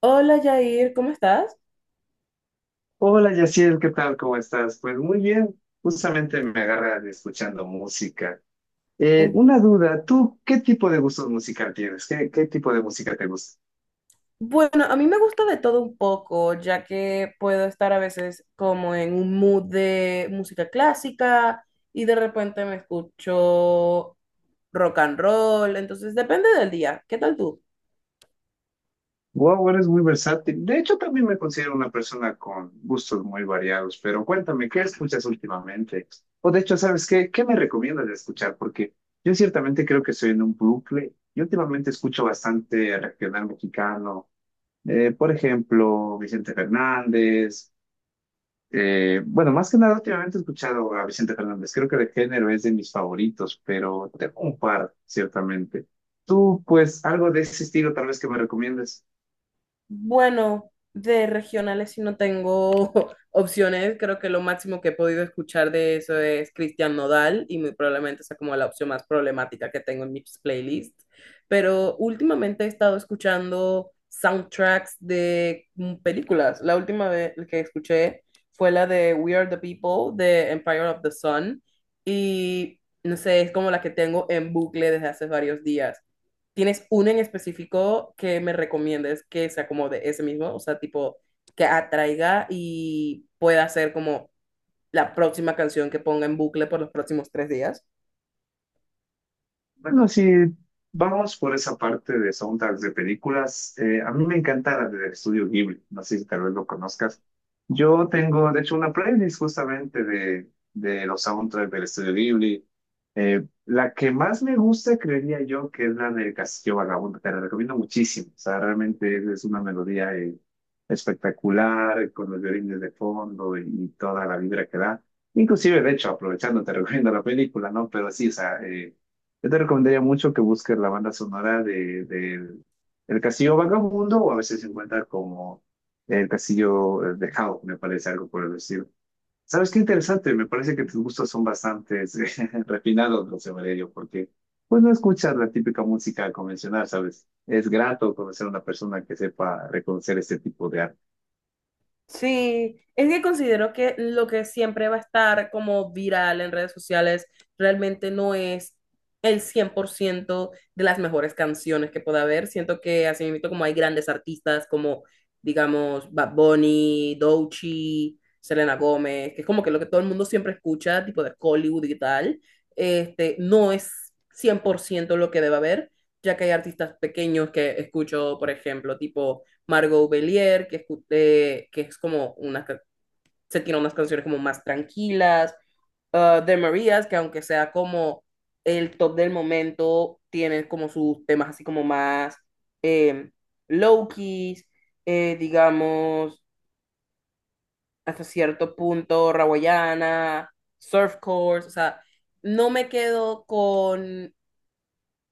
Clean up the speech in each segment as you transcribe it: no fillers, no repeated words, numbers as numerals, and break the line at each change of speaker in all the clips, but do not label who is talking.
Hola Jair, ¿cómo estás?
Hola Yaciel, ¿qué tal? ¿Cómo estás? Pues muy bien, justamente me agarran escuchando música.
Mm.
Una duda, ¿tú qué tipo de gustos musical tienes? ¿Qué tipo de música te gusta?
Bueno, a mí me gusta de todo un poco, ya que puedo estar a veces como en un mood de música clásica y de repente me escucho rock and roll, entonces depende del día. ¿Qué tal tú?
Wow, eres muy versátil. De hecho, también me considero una persona con gustos muy variados, pero cuéntame, ¿qué escuchas últimamente? O de hecho, ¿sabes qué? ¿Qué me recomiendas de escuchar? Porque yo ciertamente creo que estoy en un bucle y últimamente escucho bastante regional mexicano. Por ejemplo, Vicente Fernández. Bueno, más que nada, últimamente he escuchado a Vicente Fernández. Creo que de género es de mis favoritos, pero tengo un par, ciertamente. Tú, pues, algo de ese estilo tal vez que me recomiendes.
Bueno, de regionales si no tengo opciones. Creo que lo máximo que he podido escuchar de eso es Cristian Nodal y muy probablemente sea como la opción más problemática que tengo en mis playlists. Pero últimamente he estado escuchando soundtracks de películas. La última vez que escuché fue la de We Are the People de Empire of the Sun y no sé, es como la que tengo en bucle desde hace varios días. ¿Tienes uno en específico que me recomiendes que sea como de ese mismo? O sea, tipo, que atraiga y pueda ser como la próxima canción que ponga en bucle por los próximos 3 días.
Bueno, si vamos por esa parte de soundtracks de películas, a mí me encanta la del estudio Ghibli, no sé si tal vez lo conozcas. Yo tengo, de hecho, una playlist justamente de los soundtracks del estudio Ghibli. La que más me gusta, creería yo, que es la del Castillo Vagabundo, te la recomiendo muchísimo. O sea, realmente es una melodía espectacular, con los violines de fondo y toda la vibra que da. Inclusive, de hecho, aprovechando, te recomiendo la película, ¿no? Pero sí, o sea... yo te recomendaría mucho que busques la banda sonora de, del El Castillo Vagabundo o a veces se encuentra como El Castillo de Howl, me parece algo por el estilo. ¿Sabes qué interesante? Me parece que tus gustos son bastante refinados, José Valerio, porque pues no escuchas la típica música convencional, ¿sabes? Es grato conocer a una persona que sepa reconocer este tipo de arte.
Sí, es que considero que lo que siempre va a estar como viral en redes sociales realmente no es el 100% de las mejores canciones que pueda haber. Siento que así mismo como hay grandes artistas como, digamos, Bad Bunny, Doechii, Selena Gómez, que es como que lo que todo el mundo siempre escucha, tipo de Hollywood y tal, este, no es 100% lo que debe haber, ya que hay artistas pequeños que escucho, por ejemplo, tipo Margot Bellier, que es como una, se tiene unas canciones como más tranquilas, de Marías, que aunque sea como el top del momento, tiene como sus temas así como más eh, low-keys, digamos, hasta cierto punto, Rawayana, Surf Course, o sea, no me quedo con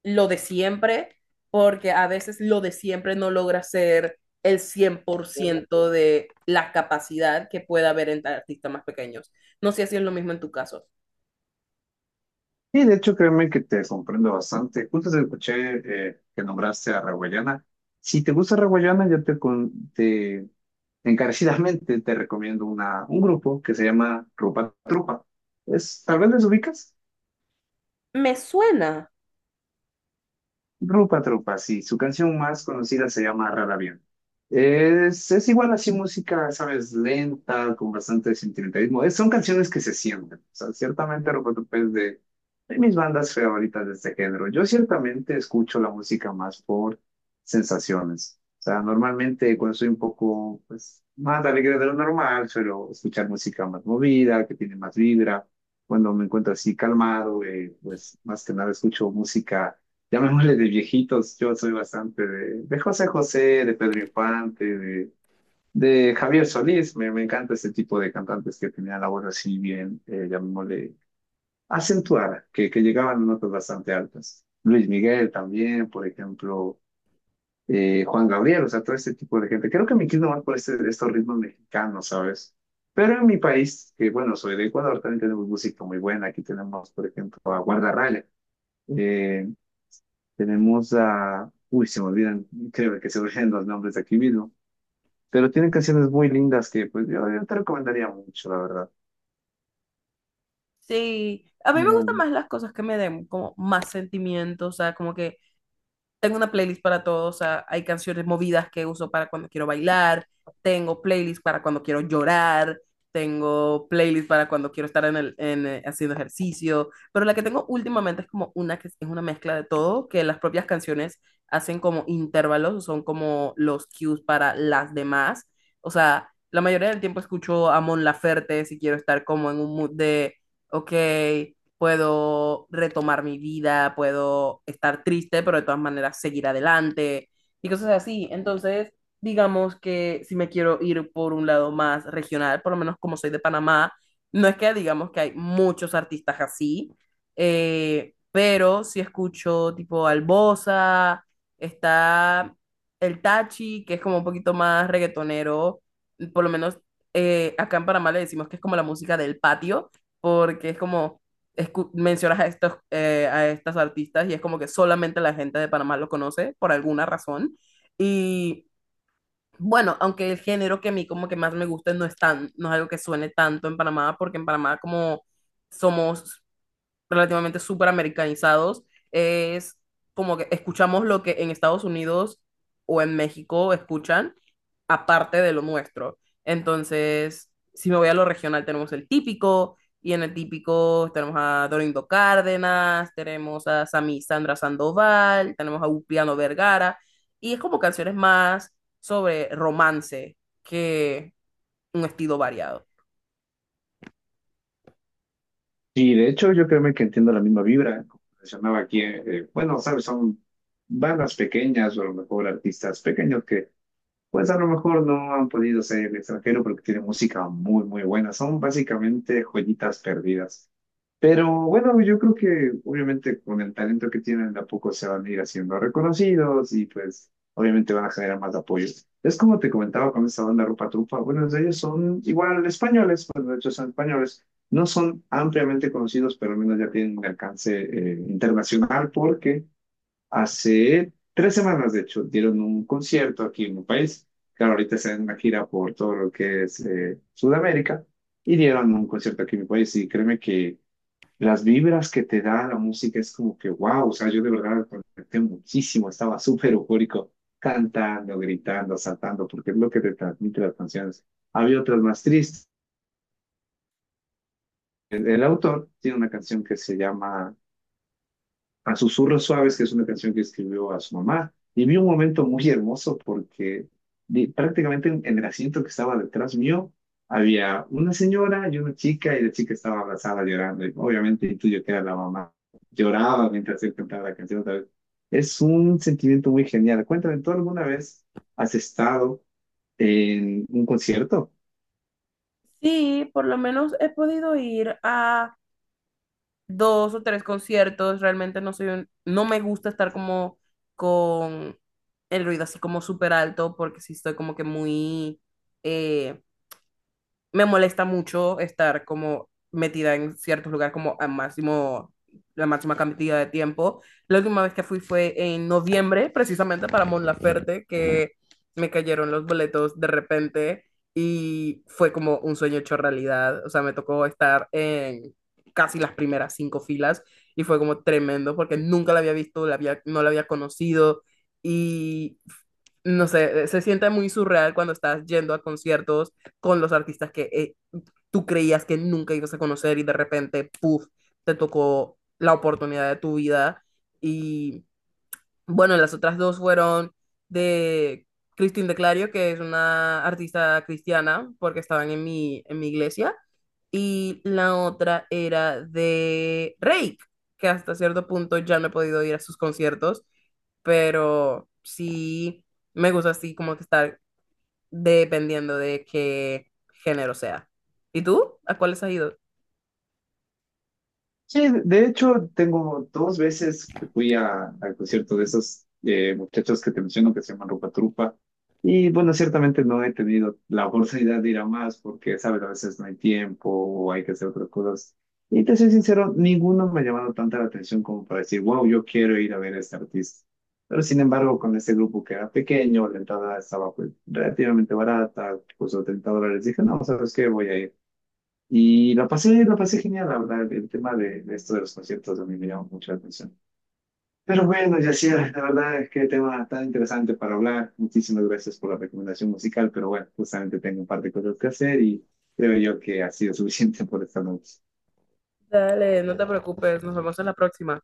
lo de siempre, porque a veces lo de siempre no logra ser el 100% de la capacidad que pueda haber en artistas más pequeños. No sé si es lo mismo en tu caso.
Y de hecho, créeme que te comprendo bastante. Justo te escuché que nombraste a Raguayana. Si te gusta Raguayana, yo te, con- te encarecidamente te recomiendo un grupo que se llama Rupa Trupa. Es, tal vez les ubicas.
Me suena.
Rupa Trupa, sí, su canción más conocida se llama Rara Avión. Es igual así música, sabes, lenta, con bastante sentimentalismo. Son canciones que se sienten. O sea, ciertamente Rupa Trupa es de mis bandas favoritas de este género. Yo ciertamente escucho la música más por sensaciones. O sea, normalmente cuando soy un poco pues, más alegre de lo normal, suelo escuchar música más movida, que tiene más vibra. Cuando me encuentro así calmado, pues más que nada escucho música llamémosle de viejitos, yo soy bastante de José José, de Pedro Infante, de Javier Solís, me encanta este tipo de cantantes que tenían la voz así bien, llamémosle acentuada, que llegaban a notas bastante altas. Luis Miguel también, por ejemplo, Juan Gabriel, o sea, todo este tipo de gente. Creo que me quiero más por estos ritmos mexicanos, ¿sabes? Pero en mi país, que bueno, soy de Ecuador, también tenemos música muy buena. Aquí tenemos, por ejemplo, a Guardarraya. Tenemos a... Uy, se me olvidan, creo que se me olvidan los nombres de aquí mismo. Pero tienen canciones muy lindas que pues yo te recomendaría mucho, la verdad.
Sí, a mí me gustan
No.
más las cosas que me den como más sentimiento, o sea, como que tengo una playlist para todo, o sea, hay canciones movidas que uso para cuando quiero bailar, tengo playlist para cuando quiero llorar, tengo playlist para cuando quiero estar haciendo ejercicio, pero la que tengo últimamente es como una que es una mezcla de todo, que las propias canciones hacen como intervalos, son como los cues para las demás, o sea, la mayoría del tiempo escucho a Mon Laferte si quiero estar como en un mood de, ok, puedo retomar mi vida, puedo estar triste, pero de todas maneras seguir adelante y cosas así. Entonces, digamos que si me quiero ir por un lado más regional, por lo menos como soy de Panamá, no es que digamos que hay muchos artistas así, pero si escucho tipo Albosa, está el Tachi, que es como un poquito más reggaetonero, por lo menos acá en Panamá le decimos que es como la música del patio, porque es como mencionas a estos, a estas artistas y es como que solamente la gente de Panamá lo conoce por alguna razón. Y bueno, aunque el género que a mí como que más me gusta no es tan, no es algo que suene tanto en Panamá, porque en Panamá como somos relativamente súper americanizados, es como que escuchamos lo que en Estados Unidos o en México escuchan, aparte de lo nuestro. Entonces, si me voy a lo regional, tenemos el típico, y en el típico tenemos a Dorindo Cárdenas, tenemos a Sami Sandra Sandoval, tenemos a Upiano Vergara, y es como canciones más sobre romance que un estilo variado.
Y de hecho yo creo que entiendo la misma vibra. Como mencionaba aquí, bueno, sabes, son bandas pequeñas o a lo mejor artistas pequeños que pues a lo mejor no han podido ser extranjero porque tienen música muy, muy buena. Son básicamente joyitas perdidas. Pero bueno, yo creo que obviamente con el talento que tienen de a poco se van a ir haciendo reconocidos y pues obviamente van a generar más apoyo. Es como te comentaba con esta banda Rupa Trupa, bueno, de ellos son igual españoles, pues de hecho son españoles, no son ampliamente conocidos, pero al menos ya tienen un alcance internacional porque hace 3 semanas de hecho dieron un concierto aquí en mi país, claro, ahorita están en una gira por todo lo que es Sudamérica y dieron un concierto aquí en mi país y créeme que... Las vibras que te da la música es como que, wow, o sea, yo de verdad me conecté muchísimo, estaba súper eufórico, cantando, gritando, saltando, porque es lo que te transmite las canciones. Había otras más tristes. El autor tiene una canción que se llama A Susurros Suaves, que es una canción que escribió a su mamá. Y vi un momento muy hermoso porque prácticamente en el asiento que estaba detrás mío había una señora y una chica y la chica estaba abrazada llorando. Y obviamente intuyo que era la mamá. Lloraba mientras él cantaba la canción otra vez. Es un sentimiento muy genial. Cuéntame, ¿tú alguna vez has estado en un concierto?
Sí, por lo menos he podido ir a dos o tres conciertos. Realmente no me gusta estar como con el ruido así como súper alto porque sí estoy como que muy, eh, me molesta mucho estar como metida en ciertos lugares como a máximo, la máxima cantidad de tiempo. La última vez que fui fue en noviembre, precisamente para Mon Laferte, que me cayeron los boletos de repente y fue como un sueño hecho realidad. O sea, me tocó estar en casi las primeras cinco filas y fue como tremendo porque nunca la había visto, la había, no la había conocido y no sé, se siente muy surreal cuando estás yendo a conciertos con los artistas que tú creías que nunca ibas a conocer y de repente, puff, te tocó la oportunidad de tu vida. Y bueno, las otras dos fueron de Christine de Clario, que es una artista cristiana, porque estaban en mi iglesia. Y la otra era de Rake, que hasta cierto punto ya no he podido ir a sus conciertos, pero sí me gusta así como que estar dependiendo de qué género sea. ¿Y tú? ¿A cuáles has ido?
Sí, de hecho, tengo dos veces que fui al concierto de esos muchachos que te menciono que se llaman Rupa Trupa. Y bueno, ciertamente no he tenido la oportunidad de ir a más porque, sabes, a veces no hay tiempo o hay que hacer otras cosas. Y te soy sincero, ninguno me ha llamado tanta la atención como para decir, wow, yo quiero ir a ver a este artista. Pero sin embargo, con este grupo que era pequeño, la entrada estaba pues, relativamente barata, costó $30, dije, no, ¿sabes qué? Voy a ir. Y la pasé genial, la verdad. El tema de esto de los conciertos a mí me llamó mucho la atención. Pero bueno, Yacira, la verdad es que tema tan interesante para hablar. Muchísimas gracias por la recomendación musical, pero bueno, justamente tengo un par de cosas que hacer y creo yo que ha sido suficiente por esta noche.
Dale, no te preocupes, nos vemos en la próxima.